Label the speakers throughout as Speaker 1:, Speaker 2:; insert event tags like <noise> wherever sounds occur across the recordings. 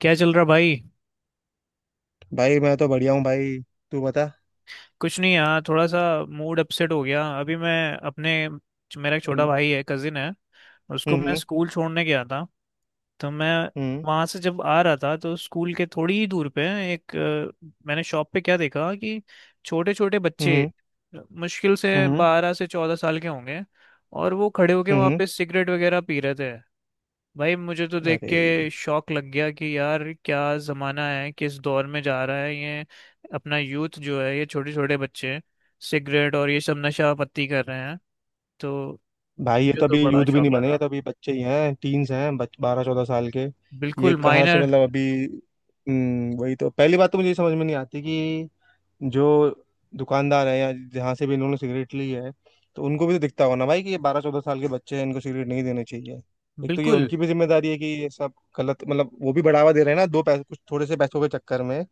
Speaker 1: क्या चल रहा भाई?
Speaker 2: भाई मैं तो बढ़िया हूँ भाई। तू बता।
Speaker 1: कुछ नहीं यार, थोड़ा सा मूड अपसेट हो गया अभी। मैं अपने मेरा एक छोटा
Speaker 2: हम्म,
Speaker 1: भाई है, कजिन है। उसको मैं
Speaker 2: हम्म।
Speaker 1: स्कूल छोड़ने गया था। तो मैं
Speaker 2: हम्म।
Speaker 1: वहां से जब आ रहा था, तो स्कूल के थोड़ी ही दूर पे मैंने शॉप पे क्या देखा कि छोटे छोटे बच्चे,
Speaker 2: हम्म।
Speaker 1: मुश्किल से
Speaker 2: हम्म।
Speaker 1: 12 से 14 साल के होंगे, और वो खड़े होके वहाँ
Speaker 2: हम्म।
Speaker 1: पे सिगरेट वगैरह पी रहे थे। भाई मुझे तो देख
Speaker 2: अरे।
Speaker 1: के शौक लग गया कि यार क्या जमाना है, किस दौर में जा रहा है ये। अपना यूथ जो है ये छोटे छोटे बच्चे, सिगरेट और ये सब नशा पत्ती कर रहे हैं। तो
Speaker 2: भाई ये
Speaker 1: मुझे
Speaker 2: तो
Speaker 1: तो
Speaker 2: अभी यूथ
Speaker 1: बड़ा
Speaker 2: भी नहीं
Speaker 1: शौक
Speaker 2: बने,
Speaker 1: लगा।
Speaker 2: ये तो अभी बच्चे ही हैं, टीन्स हैं, 12 14 साल के। ये
Speaker 1: बिल्कुल
Speaker 2: कहाँ से
Speaker 1: माइनर।
Speaker 2: मतलब अभी। हम्म, वही तो। पहली बात तो मुझे ये समझ में नहीं आती कि जो दुकानदार है या जहाँ से भी इन्होंने सिगरेट ली है, तो उनको भी तो दिखता होगा ना भाई कि ये 12 14 साल के बच्चे हैं, इनको सिगरेट नहीं देने चाहिए। एक तो ये
Speaker 1: बिल्कुल।
Speaker 2: उनकी भी जिम्मेदारी है कि ये सब गलत, मतलब वो भी बढ़ावा दे रहे हैं ना, दो पैसे कुछ थोड़े से पैसों के चक्कर में।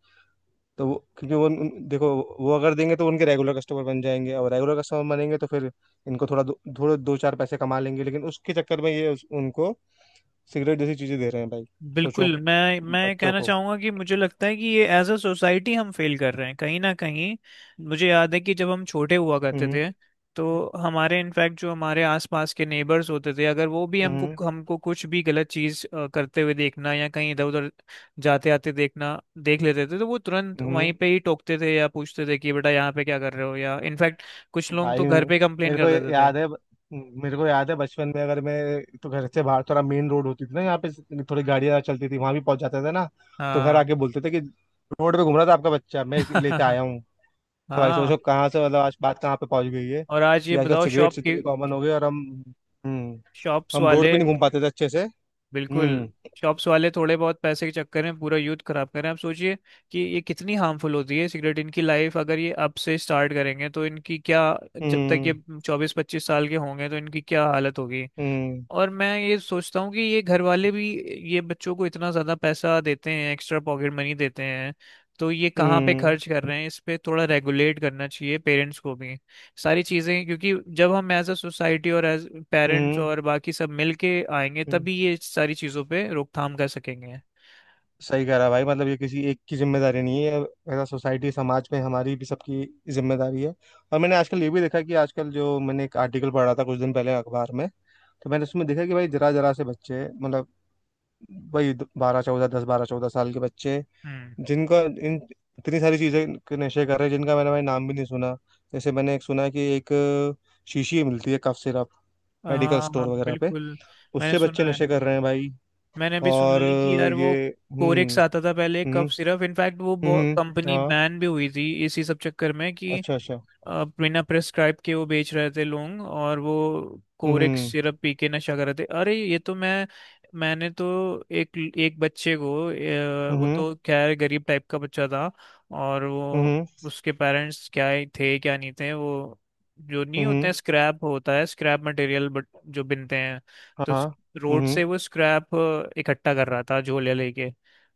Speaker 2: तो वो, क्योंकि वो देखो, वो अगर देंगे तो उनके रेगुलर कस्टमर बन जाएंगे, और रेगुलर कस्टमर बनेंगे तो फिर इनको थोड़ा थोड़े दो चार पैसे कमा लेंगे, लेकिन उसके चक्कर में ये उनको सिगरेट जैसी चीजें दे रहे हैं भाई। सोचो
Speaker 1: बिल्कुल मैं ये
Speaker 2: बच्चों
Speaker 1: कहना
Speaker 2: को।
Speaker 1: चाहूंगा कि मुझे लगता है कि ये एज अ सोसाइटी हम फेल कर रहे हैं कहीं ना कहीं। मुझे याद है कि जब हम छोटे हुआ करते
Speaker 2: हम्म।
Speaker 1: थे, तो हमारे इनफैक्ट जो हमारे आसपास के नेबर्स होते थे, अगर वो भी हमको
Speaker 2: हम्म।
Speaker 1: हमको कुछ भी गलत चीज करते हुए देखना, या कहीं इधर उधर जाते आते देखना देख लेते थे, तो वो तुरंत वहीं
Speaker 2: हम्म।
Speaker 1: पे ही टोकते थे या पूछते थे कि बेटा यहाँ पे क्या कर रहे हो, या इनफैक्ट कुछ लोग तो
Speaker 2: भाई
Speaker 1: घर पे कंप्लेन
Speaker 2: मेरे
Speaker 1: कर
Speaker 2: को
Speaker 1: देते थे।
Speaker 2: याद है। मेरे को याद है बचपन में, अगर मैं, तो घर से बाहर थोड़ा मेन रोड होती थी ना, यहाँ पे थोड़ी गाड़ियाँ चलती थी, वहां भी पहुंच जाते थे ना। तो घर
Speaker 1: हाँ।
Speaker 2: आके बोलते थे कि रोड पे घूम रहा था आपका बच्चा, मैं लेके आया
Speaker 1: <laughs>
Speaker 2: हूँ। तो भाई
Speaker 1: हाँ।
Speaker 2: सोचो कहाँ से मतलब आज बात कहाँ पे पहुंच गई है
Speaker 1: और आज ये
Speaker 2: कि आजकल
Speaker 1: बताओ शॉप
Speaker 2: सिगरेट्स
Speaker 1: की,
Speaker 2: इतनी कॉमन हो गई, और हम, हम्म।
Speaker 1: शॉप्स
Speaker 2: हम रोड
Speaker 1: वाले।
Speaker 2: पे नहीं घूम पाते थे अच्छे से।
Speaker 1: बिल्कुल।
Speaker 2: हम्म।
Speaker 1: शॉप्स वाले थोड़े बहुत पैसे के चक्कर में पूरा यूथ खराब कर रहे हैं। आप सोचिए कि ये कितनी हार्मफुल होती है सिगरेट, इनकी लाइफ अगर ये अब से स्टार्ट करेंगे तो इनकी क्या, जब तक
Speaker 2: हम्म।
Speaker 1: ये 24-25 साल के होंगे तो इनकी क्या हालत होगी।
Speaker 2: हम्म।
Speaker 1: और मैं ये सोचता हूँ कि ये घर वाले भी ये बच्चों को इतना ज़्यादा पैसा देते हैं, एक्स्ट्रा पॉकेट मनी देते हैं, तो ये कहाँ पे
Speaker 2: हम्म।
Speaker 1: खर्च कर रहे हैं, इस पे थोड़ा रेगुलेट करना चाहिए पेरेंट्स को भी सारी चीज़ें। क्योंकि जब हम एज अ सोसाइटी और एज पेरेंट्स
Speaker 2: हम्म।
Speaker 1: और बाकी सब मिल के आएंगे
Speaker 2: हम्म।
Speaker 1: तभी ये सारी चीज़ों पे रोकथाम कर सकेंगे।
Speaker 2: सही कह रहा भाई, मतलब ये किसी एक की जिम्मेदारी नहीं है, ऐसा सोसाइटी समाज में हमारी भी सबकी जिम्मेदारी है। और मैंने आजकल ये भी देखा कि आजकल, जो मैंने एक आर्टिकल पढ़ा था कुछ दिन पहले अखबार में, तो मैंने उसमें देखा कि भाई जरा जरा से बच्चे, मतलब वही बारह चौदह, दस बारह चौदह साल के बच्चे,
Speaker 1: हम्म।
Speaker 2: जिनका इन इतनी सारी चीज़ें के नशे कर रहे हैं, जिनका मैंने भाई नाम भी नहीं सुना। जैसे मैंने एक सुना कि एक शीशी मिलती है कफ सिरप, मेडिकल
Speaker 1: हाँ,
Speaker 2: स्टोर वगैरह पे,
Speaker 1: बिल्कुल। मैंने
Speaker 2: उससे बच्चे
Speaker 1: सुना है।
Speaker 2: नशे कर रहे हैं भाई।
Speaker 1: मैंने भी सुना
Speaker 2: और
Speaker 1: है कि यार वो
Speaker 2: ये हम्म।
Speaker 1: कोरेक्स आता था पहले,
Speaker 2: हम्म।
Speaker 1: कफ सिरप, इनफैक्ट वो
Speaker 2: हम्म।
Speaker 1: कंपनी
Speaker 2: हाँ,
Speaker 1: बैन भी हुई थी इसी सब चक्कर में कि
Speaker 2: अच्छा अच्छा।
Speaker 1: बिना प्रेस्क्राइब के वो बेच रहे थे लोग, और वो कोरेक
Speaker 2: हम्म।
Speaker 1: सिरप पी के नशा कर रहे थे। अरे, ये तो मैंने तो एक एक बच्चे को...
Speaker 2: हम्म।
Speaker 1: वो
Speaker 2: हम्म।
Speaker 1: तो खैर गरीब टाइप का बच्चा था, और वो
Speaker 2: हम्म।
Speaker 1: उसके पेरेंट्स क्या ही थे क्या नहीं थे, वो जो नहीं होते
Speaker 2: हम्म,
Speaker 1: हैं, स्क्रैप होता है, स्क्रैप मटेरियल, बट जो बिनते हैं, तो
Speaker 2: हाँ। हम्म।
Speaker 1: रोड से वो स्क्रैप इकट्ठा कर रहा था झोले लेके।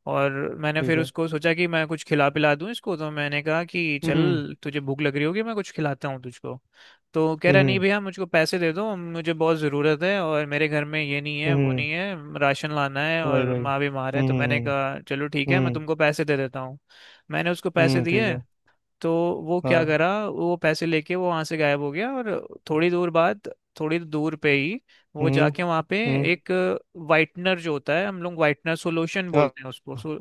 Speaker 1: और मैंने
Speaker 2: ठीक
Speaker 1: फिर
Speaker 2: है।
Speaker 1: उसको सोचा कि मैं कुछ खिला पिला दूं इसको, तो मैंने कहा कि
Speaker 2: हम्म।
Speaker 1: चल तुझे भूख लग रही होगी, मैं कुछ खिलाता हूँ तुझको। तो कह रहा, नहीं
Speaker 2: हम्म।
Speaker 1: भैया मुझको पैसे दे दो, मुझे बहुत ज़रूरत है और मेरे घर में ये नहीं है वो
Speaker 2: हम्म।
Speaker 1: नहीं है, राशन लाना है
Speaker 2: भाई
Speaker 1: और
Speaker 2: भाई।
Speaker 1: माँ बीमार है। तो
Speaker 2: हम्म।
Speaker 1: मैंने कहा चलो ठीक है,
Speaker 2: हम्म
Speaker 1: मैं
Speaker 2: हम्म,
Speaker 1: तुमको पैसे दे देता हूँ। मैंने उसको पैसे
Speaker 2: ठीक
Speaker 1: दिए।
Speaker 2: है।
Speaker 1: तो वो क्या
Speaker 2: हाँ।
Speaker 1: करा, वो पैसे लेके वो वहां से गायब हो गया, और थोड़ी दूर बाद, थोड़ी दूर पे ही, वो
Speaker 2: हम्म।
Speaker 1: जाके वहां पे
Speaker 2: हम्म।
Speaker 1: एक वाइटनर जो होता है, हम लोग वाइटनर सॉल्यूशन
Speaker 2: हाँ
Speaker 1: बोलते हैं, उसको
Speaker 2: हाँ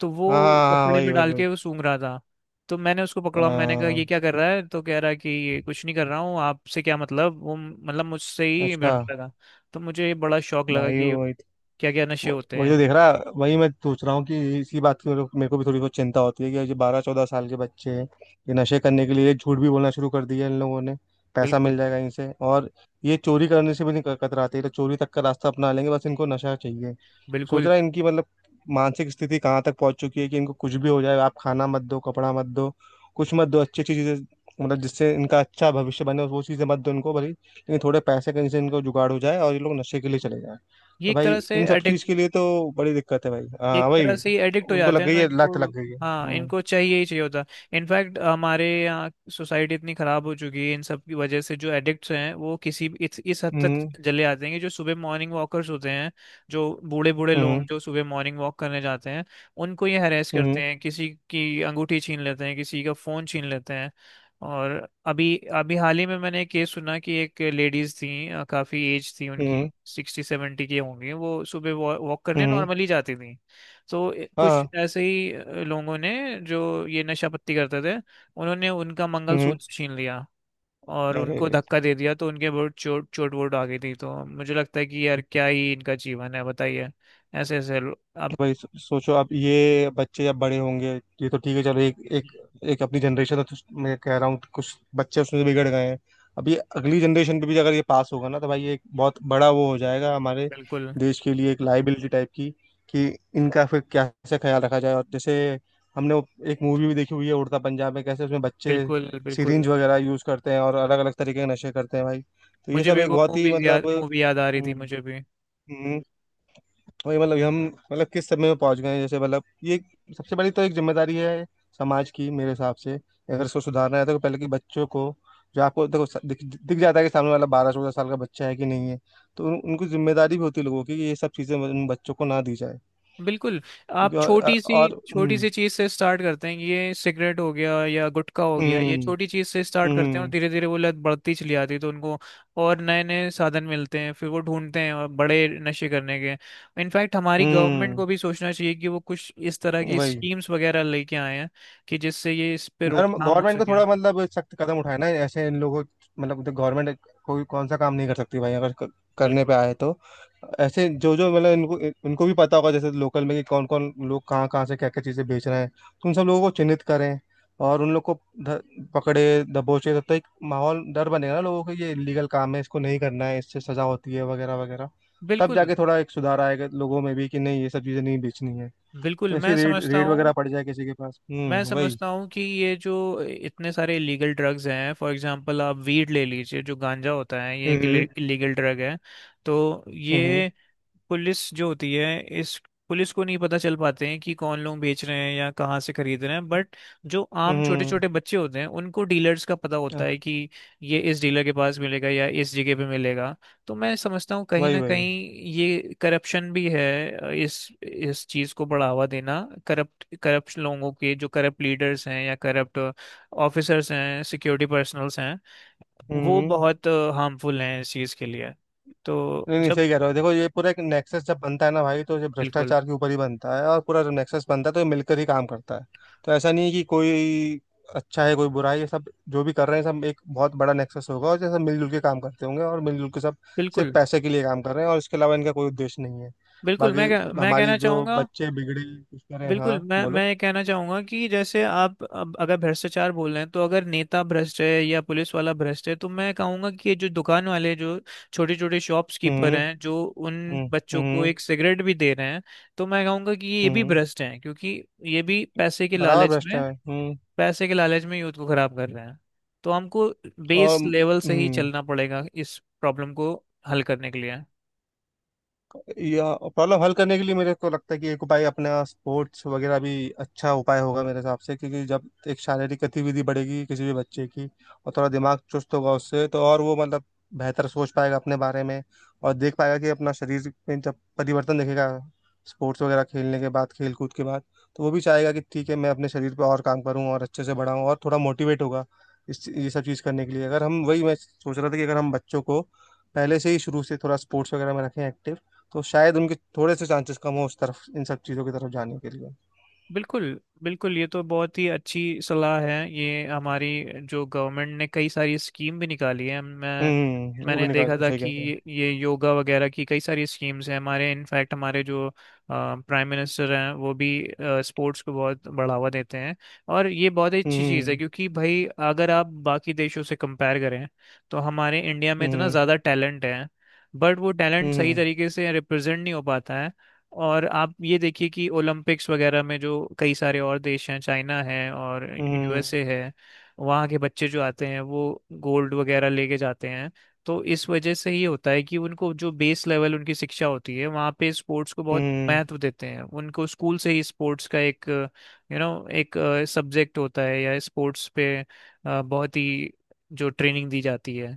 Speaker 1: तो
Speaker 2: हाँ,
Speaker 1: वो
Speaker 2: हाँ, हाँ,
Speaker 1: कपड़े
Speaker 2: वही
Speaker 1: में
Speaker 2: वही
Speaker 1: डाल
Speaker 2: वही।
Speaker 1: के वो सूंघ रहा था। तो मैंने उसको पकड़ा, मैंने कहा
Speaker 2: अ,
Speaker 1: ये क्या कर रहा है, तो कह रहा है कि ये कुछ नहीं कर रहा हूँ, आपसे क्या मतलब, वो मतलब मुझसे ही
Speaker 2: अच्छा
Speaker 1: भिड़ने लगा। तो मुझे बड़ा शौक लगा
Speaker 2: भाई,
Speaker 1: कि
Speaker 2: वही।
Speaker 1: क्या क्या नशे होते
Speaker 2: वही
Speaker 1: हैं।
Speaker 2: तो देख रहा। वही मैं सोच रहा हूँ कि इसी बात की मेरे को भी थोड़ी बहुत चिंता होती है कि ये बारह चौदह साल के बच्चे हैं। ये नशे करने के लिए झूठ भी बोलना शुरू कर दिया इन लोगों ने, पैसा मिल
Speaker 1: बिल्कुल।
Speaker 2: जाएगा इनसे। और ये चोरी करने से भी नहीं कतराते, ये तो चोरी तक का रास्ता अपना लेंगे, बस इनको नशा चाहिए। सोच रहा
Speaker 1: बिल्कुल
Speaker 2: है इनकी मतलब मानसिक स्थिति कहाँ तक पहुंच चुकी है कि इनको कुछ भी हो जाए, आप खाना मत दो, कपड़ा मत दो, कुछ मत दो अच्छी अच्छी चीजें, मतलब जिससे इनका अच्छा भविष्य बने वो चीजें मत दो इनको भले, लेकिन थोड़े पैसे कहीं से इनको जुगाड़ हो जाए और ये लोग नशे के लिए चले जाए।
Speaker 1: ये
Speaker 2: तो भाई इन सब चीज के लिए तो बड़ी दिक्कत है भाई, हाँ
Speaker 1: एक तरह
Speaker 2: भाई।
Speaker 1: से ही एडिक्ट हो
Speaker 2: उनको
Speaker 1: जाते
Speaker 2: लग
Speaker 1: हैं
Speaker 2: गई
Speaker 1: तो
Speaker 2: है
Speaker 1: इनको।
Speaker 2: लत, लग गई है।
Speaker 1: हाँ
Speaker 2: हम्म।
Speaker 1: इनको चाहिए ही चाहिए होता। इनफैक्ट हमारे यहाँ सोसाइटी इतनी खराब हो चुकी है इन सब की वजह से, जो एडिक्ट्स हैं वो इस हद तक
Speaker 2: हम्म।
Speaker 1: चले आते हैं कि जो सुबह मॉर्निंग वॉकर्स होते हैं, जो बूढ़े बूढ़े लोग
Speaker 2: हम्म।
Speaker 1: जो सुबह मॉर्निंग वॉक करने जाते हैं, उनको ये हरेस करते
Speaker 2: हम्म।
Speaker 1: हैं, किसी की अंगूठी छीन लेते हैं, किसी का फोन छीन लेते हैं। और अभी अभी हाल ही में मैंने एक केस सुना कि एक लेडीज थी, काफी एज थी उनकी,
Speaker 2: हम्म।
Speaker 1: 60-70 की होंगी, वो सुबह वॉक करने
Speaker 2: हम्म,
Speaker 1: नॉर्मली जाती थी, तो कुछ
Speaker 2: हाँ।
Speaker 1: ऐसे ही लोगों ने जो ये नशा पत्ती करते थे, उन्होंने उनका
Speaker 2: हम्म।
Speaker 1: मंगलसूत्र छीन लिया और
Speaker 2: अरे
Speaker 1: उनको
Speaker 2: अरे।
Speaker 1: धक्का दे दिया, तो उनके बहुत चोट चोट वोट आ गई थी। तो मुझे लगता है कि यार क्या ही इनका जीवन है बताइए। ऐसे ऐसे लो-
Speaker 2: तो
Speaker 1: अब...
Speaker 2: भाई सोचो अब ये बच्चे जब बड़े होंगे। ये तो ठीक है, चलो एक एक, एक अपनी जनरेशन है, तो मैं कह रहा हूँ कुछ बच्चे उसमें बिगड़ गए हैं। अब ये अगली जनरेशन पे भी अगर ये पास होगा ना, तो भाई ये एक बहुत बड़ा वो हो जाएगा हमारे
Speaker 1: बिल्कुल।
Speaker 2: देश के लिए, एक लाइबिलिटी टाइप की, कि इनका फिर कैसे ख्याल रखा जाए। और जैसे हमने वो एक मूवी भी देखी हुई है उड़ता पंजाब, में कैसे उसमें बच्चे
Speaker 1: बिल्कुल। बिल्कुल
Speaker 2: सिरिंज वगैरह यूज करते हैं और अलग अलग तरीके के नशे करते हैं भाई। तो ये
Speaker 1: मुझे
Speaker 2: सब
Speaker 1: भी
Speaker 2: एक
Speaker 1: वो
Speaker 2: बहुत ही
Speaker 1: मूवी याद
Speaker 2: मतलब।
Speaker 1: मूवी याद आ रही थी मुझे भी।
Speaker 2: हम्म, वही मतलब, हम मतलब किस समय में पहुंच गए हैं, जैसे मतलब ये सबसे बड़ी तो एक जिम्मेदारी है समाज की मेरे हिसाब से। अगर इसको सुधारना है तो पहले कि बच्चों को, जो आपको देखो दिख जाता है कि सामने वाला 12 14 साल का बच्चा है कि नहीं है, तो उनको जिम्मेदारी भी होती है लोगों की कि ये सब चीजें उन बच्चों को ना दी जाए।
Speaker 1: बिल्कुल। आप
Speaker 2: क्योंकि और,
Speaker 1: छोटी सी,
Speaker 2: और
Speaker 1: छोटी
Speaker 2: हम्म।
Speaker 1: सी चीज से स्टार्ट करते हैं, ये सिगरेट हो गया या गुटखा हो गया, ये
Speaker 2: हम्म।
Speaker 1: छोटी चीज से स्टार्ट करते हैं, और
Speaker 2: हम्म।
Speaker 1: धीरे धीरे वो लत बढ़ती चली जाती है तो उनको और नए नए साधन मिलते हैं, फिर वो ढूंढते हैं और बड़े नशे करने के। इनफैक्ट हमारी गवर्नमेंट
Speaker 2: हम्म।
Speaker 1: को भी सोचना चाहिए कि वो कुछ इस तरह की
Speaker 2: वही।
Speaker 1: स्कीम्स वगैरह लेके आए हैं कि जिससे ये इस पे रोकथाम हो
Speaker 2: गवर्नमेंट को
Speaker 1: सके।
Speaker 2: थोड़ा मतलब सख्त कदम उठाना है ऐसे इन लोगों, मतलब गवर्नमेंट कोई कौन सा काम नहीं कर सकती भाई, अगर करने पे
Speaker 1: बिल्कुल।
Speaker 2: आए तो। ऐसे जो जो मतलब इनको इनको भी पता होगा जैसे लोकल में कि कौन कौन लोग कहाँ कहाँ से क्या क्या चीज़ें बेच रहे हैं, तो उन सब लोगों को चिन्हित करें, और उन लोग को ध- पकड़े दबोचे। तब तक एक माहौल डर बनेगा ना लोगों को, ये इलीगल काम है, इसको नहीं करना है, इससे सजा होती है वगैरह वगैरह। तब
Speaker 1: बिल्कुल।
Speaker 2: जाके थोड़ा एक सुधार आएगा लोगों में भी कि नहीं, ये सब चीज़ें नहीं बेचनी है।
Speaker 1: बिल्कुल
Speaker 2: तो
Speaker 1: मैं
Speaker 2: ऐसी रेड
Speaker 1: समझता
Speaker 2: रेड
Speaker 1: हूँ
Speaker 2: वगैरह पड़ जाए किसी के पास।
Speaker 1: मैं
Speaker 2: हम्म, वही।
Speaker 1: समझता हूँ कि ये जो इतने सारे इलीगल ड्रग्स हैं, फॉर एग्जांपल आप वीड ले लीजिए, जो गांजा होता है, ये एक
Speaker 2: हम्म।
Speaker 1: इलीगल ड्रग है। तो
Speaker 2: हम्म।
Speaker 1: ये पुलिस जो होती है, इस पुलिस को नहीं पता चल पाते हैं कि कौन लोग बेच रहे हैं या कहाँ से खरीद रहे हैं, बट जो आम छोटे
Speaker 2: हम्म।
Speaker 1: छोटे बच्चे होते हैं उनको डीलर्स का पता
Speaker 2: अ,
Speaker 1: होता है कि ये इस डीलर के पास मिलेगा या इस जगह पे मिलेगा। तो मैं समझता हूँ कहीं
Speaker 2: वही
Speaker 1: ना
Speaker 2: वही।
Speaker 1: कहीं ये करप्शन भी है इस चीज को बढ़ावा देना। करप्ट करप्ट लोगों के, जो करप्ट लीडर्स हैं या करप्ट ऑफिसर्स हैं, सिक्योरिटी पर्सनल्स हैं, वो
Speaker 2: हम्म।
Speaker 1: बहुत हार्मफुल हैं इस चीज के लिए। तो
Speaker 2: नहीं नहीं,
Speaker 1: जब...
Speaker 2: सही कह रहे हो, देखो ये पूरा एक नेक्सस जब बनता है ना भाई, तो ये
Speaker 1: बिल्कुल।
Speaker 2: भ्रष्टाचार के ऊपर ही बनता है, और पूरा जब नेक्सस बनता है तो ये मिलकर ही काम करता है। तो ऐसा नहीं है कि कोई अच्छा है कोई बुरा है, ये सब जो भी कर रहे हैं सब एक बहुत बड़ा नेक्सस होगा, और ये सब मिलजुल के काम करते होंगे, और मिलजुल के सब सिर्फ
Speaker 1: बिल्कुल।
Speaker 2: पैसे के लिए काम कर रहे हैं, और इसके अलावा इनका कोई उद्देश्य नहीं है।
Speaker 1: बिल्कुल
Speaker 2: बाकी
Speaker 1: मैं
Speaker 2: हमारी
Speaker 1: कहना
Speaker 2: जो
Speaker 1: चाहूंगा।
Speaker 2: बच्चे बिगड़े कुछ करें, हाँ
Speaker 1: बिल्कुल मैं
Speaker 2: बोलो।
Speaker 1: ये कहना चाहूंगा कि जैसे आप अब अगर भ्रष्टाचार बोल रहे हैं, तो अगर नेता भ्रष्ट है या पुलिस वाला भ्रष्ट है, तो मैं कहूंगा कि ये जो दुकान वाले, जो छोटे छोटे शॉप्स कीपर
Speaker 2: हम्म।
Speaker 1: हैं जो उन
Speaker 2: हम्म।
Speaker 1: बच्चों को
Speaker 2: हम्म।
Speaker 1: एक सिगरेट भी दे रहे हैं, तो मैं कहूंगा कि ये भी
Speaker 2: हम्म।
Speaker 1: भ्रष्ट हैं, क्योंकि ये भी पैसे के
Speaker 2: बराबर
Speaker 1: लालच
Speaker 2: भ्रष्ट
Speaker 1: में,
Speaker 2: है। हम्म।
Speaker 1: पैसे के लालच में यूथ को खराब कर रहे हैं। तो हमको बेस
Speaker 2: और
Speaker 1: लेवल से ही
Speaker 2: हम्म।
Speaker 1: चलना पड़ेगा इस प्रॉब्लम को हल करने के लिए।
Speaker 2: या प्रॉब्लम हल करने के लिए मेरे को लगता है कि एक उपाय अपना स्पोर्ट्स वगैरह भी अच्छा उपाय होगा मेरे हिसाब से, क्योंकि जब एक शारीरिक गतिविधि बढ़ेगी किसी भी बच्चे की, और थोड़ा दिमाग चुस्त होगा उससे, तो और वो मतलब बेहतर सोच पाएगा अपने बारे में, और देख पाएगा कि अपना शरीर में जब परिवर्तन देखेगा स्पोर्ट्स वगैरह खेलने के बाद, खेल कूद के बाद, तो वो भी चाहेगा कि ठीक है मैं अपने शरीर पर और काम करूँ और अच्छे से बढ़ाऊँ, और थोड़ा मोटिवेट होगा इस ये सब चीज़ करने के लिए। अगर हम, वही मैं सोच रहा था कि अगर हम बच्चों को पहले से ही शुरू से थोड़ा स्पोर्ट्स वगैरह में रखें एक्टिव, तो शायद उनके थोड़े से चांसेस कम हो उस तरफ, इन सब चीजों की तरफ जाने के लिए।
Speaker 1: बिल्कुल। बिल्कुल ये तो बहुत ही अच्छी सलाह है। ये हमारी जो गवर्नमेंट ने कई सारी स्कीम भी निकाली है।
Speaker 2: हम्म, वो
Speaker 1: मैंने
Speaker 2: भी निकाली
Speaker 1: देखा
Speaker 2: हो,
Speaker 1: था
Speaker 2: सही कह
Speaker 1: कि
Speaker 2: रहे हो।
Speaker 1: ये योगा वगैरह की कई सारी स्कीम्स हैं हमारे, इनफैक्ट हमारे जो प्राइम मिनिस्टर हैं वो भी स्पोर्ट्स को बहुत बढ़ावा देते हैं। और ये बहुत ही अच्छी चीज़ है,
Speaker 2: हम्म।
Speaker 1: क्योंकि भाई अगर आप बाकी देशों से कंपेयर करें, तो हमारे इंडिया में इतना
Speaker 2: हम्म।
Speaker 1: ज़्यादा टैलेंट है, बट वो टैलेंट सही
Speaker 2: हम्म।
Speaker 1: तरीके से रिप्रेजेंट नहीं हो पाता है। और आप ये देखिए कि ओलंपिक्स वगैरह में जो कई सारे और देश हैं, चाइना है और
Speaker 2: हम्म।
Speaker 1: यूएसए है, वहाँ के बच्चे जो आते हैं वो गोल्ड वगैरह लेके जाते हैं। तो इस वजह से ही होता है कि उनको जो बेस लेवल उनकी शिक्षा होती है, वहाँ पे स्पोर्ट्स को बहुत
Speaker 2: हम्म।
Speaker 1: महत्व देते हैं, उनको स्कूल से ही स्पोर्ट्स का एक एक सब्जेक्ट होता है, या स्पोर्ट्स पे बहुत ही जो ट्रेनिंग दी जाती है।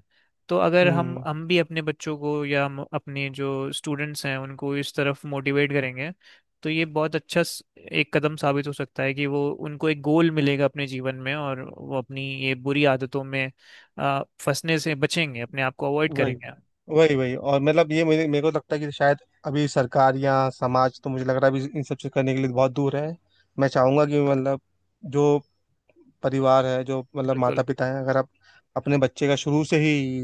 Speaker 1: तो अगर हम
Speaker 2: हम्म,
Speaker 1: हम भी अपने बच्चों को, या हम अपने जो स्टूडेंट्स हैं उनको इस तरफ मोटिवेट करेंगे, तो ये बहुत अच्छा एक कदम साबित हो सकता है, कि वो उनको एक गोल मिलेगा अपने जीवन में और वो अपनी ये बुरी आदतों में फंसने से बचेंगे, अपने आप को अवॉइड
Speaker 2: वही
Speaker 1: करेंगे।
Speaker 2: वही वही। और मतलब ये मुझे मेरे को लगता है कि शायद अभी सरकार या समाज, तो मुझे लग रहा है अभी इन सब चीज करने के लिए बहुत दूर है। मैं चाहूंगा कि मतलब जो परिवार है, जो मतलब माता
Speaker 1: बिल्कुल।
Speaker 2: पिता है, अगर आप अपने बच्चे का शुरू से ही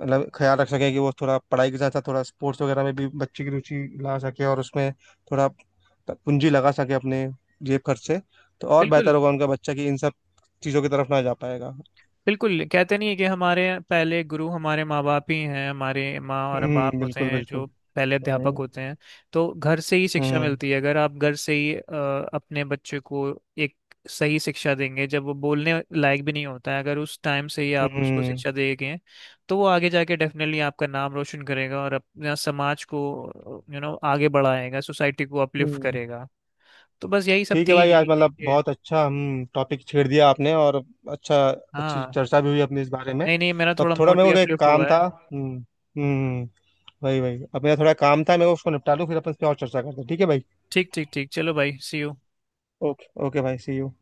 Speaker 2: मतलब ख्याल रख सके कि वो थोड़ा पढ़ाई के साथ साथ थोड़ा स्पोर्ट्स वगैरह में भी बच्चे की रुचि ला सके, और उसमें थोड़ा पूंजी लगा सके अपने जेब खर्च से, तो और
Speaker 1: बिल्कुल।
Speaker 2: बेहतर होगा उनका बच्चा कि इन सब चीज़ों की तरफ ना जा पाएगा।
Speaker 1: बिल्कुल कहते नहीं है कि हमारे पहले गुरु हमारे माँ बाप ही हैं, हमारे माँ और
Speaker 2: हम्म,
Speaker 1: बाप होते
Speaker 2: बिल्कुल
Speaker 1: हैं जो
Speaker 2: बिल्कुल।
Speaker 1: पहले अध्यापक
Speaker 2: हम्म।
Speaker 1: होते हैं। तो घर से ही शिक्षा
Speaker 2: हम्म।
Speaker 1: मिलती है, अगर आप घर से ही अपने बच्चे को एक सही शिक्षा देंगे, जब वो बोलने लायक भी नहीं होता है, अगर उस टाइम से ही आप उसको
Speaker 2: हम्म।
Speaker 1: शिक्षा देंगे तो वो आगे जाके डेफिनेटली आपका नाम रोशन करेगा, और अपना समाज को आगे बढ़ाएगा, सोसाइटी को अपलिफ्ट
Speaker 2: हम्म।
Speaker 1: करेगा। तो बस यही सब
Speaker 2: ठीक है
Speaker 1: थी,
Speaker 2: भाई, आज
Speaker 1: यही देख
Speaker 2: मतलब
Speaker 1: के।
Speaker 2: बहुत अच्छा हम टॉपिक छेड़ दिया आपने, और अच्छा, अच्छी
Speaker 1: हाँ।
Speaker 2: चर्चा भी हुई अपनी इस बारे में।
Speaker 1: नहीं नहीं, मेरा
Speaker 2: तब
Speaker 1: थोड़ा
Speaker 2: थोड़ा
Speaker 1: मूड भी
Speaker 2: मेरे को एक
Speaker 1: अपलिफ्ट हुआ
Speaker 2: काम
Speaker 1: है।
Speaker 2: था। हम्म। हम्म। वही वही, अब मेरा थोड़ा काम था, मैं उसको निपटा लूँ फिर अपन इस पे और चर्चा करते हैं, ठीक है भाई।
Speaker 1: ठीक ठीक ठीक, चलो भाई, सी यू।
Speaker 2: ओके ओके भाई, सी यू।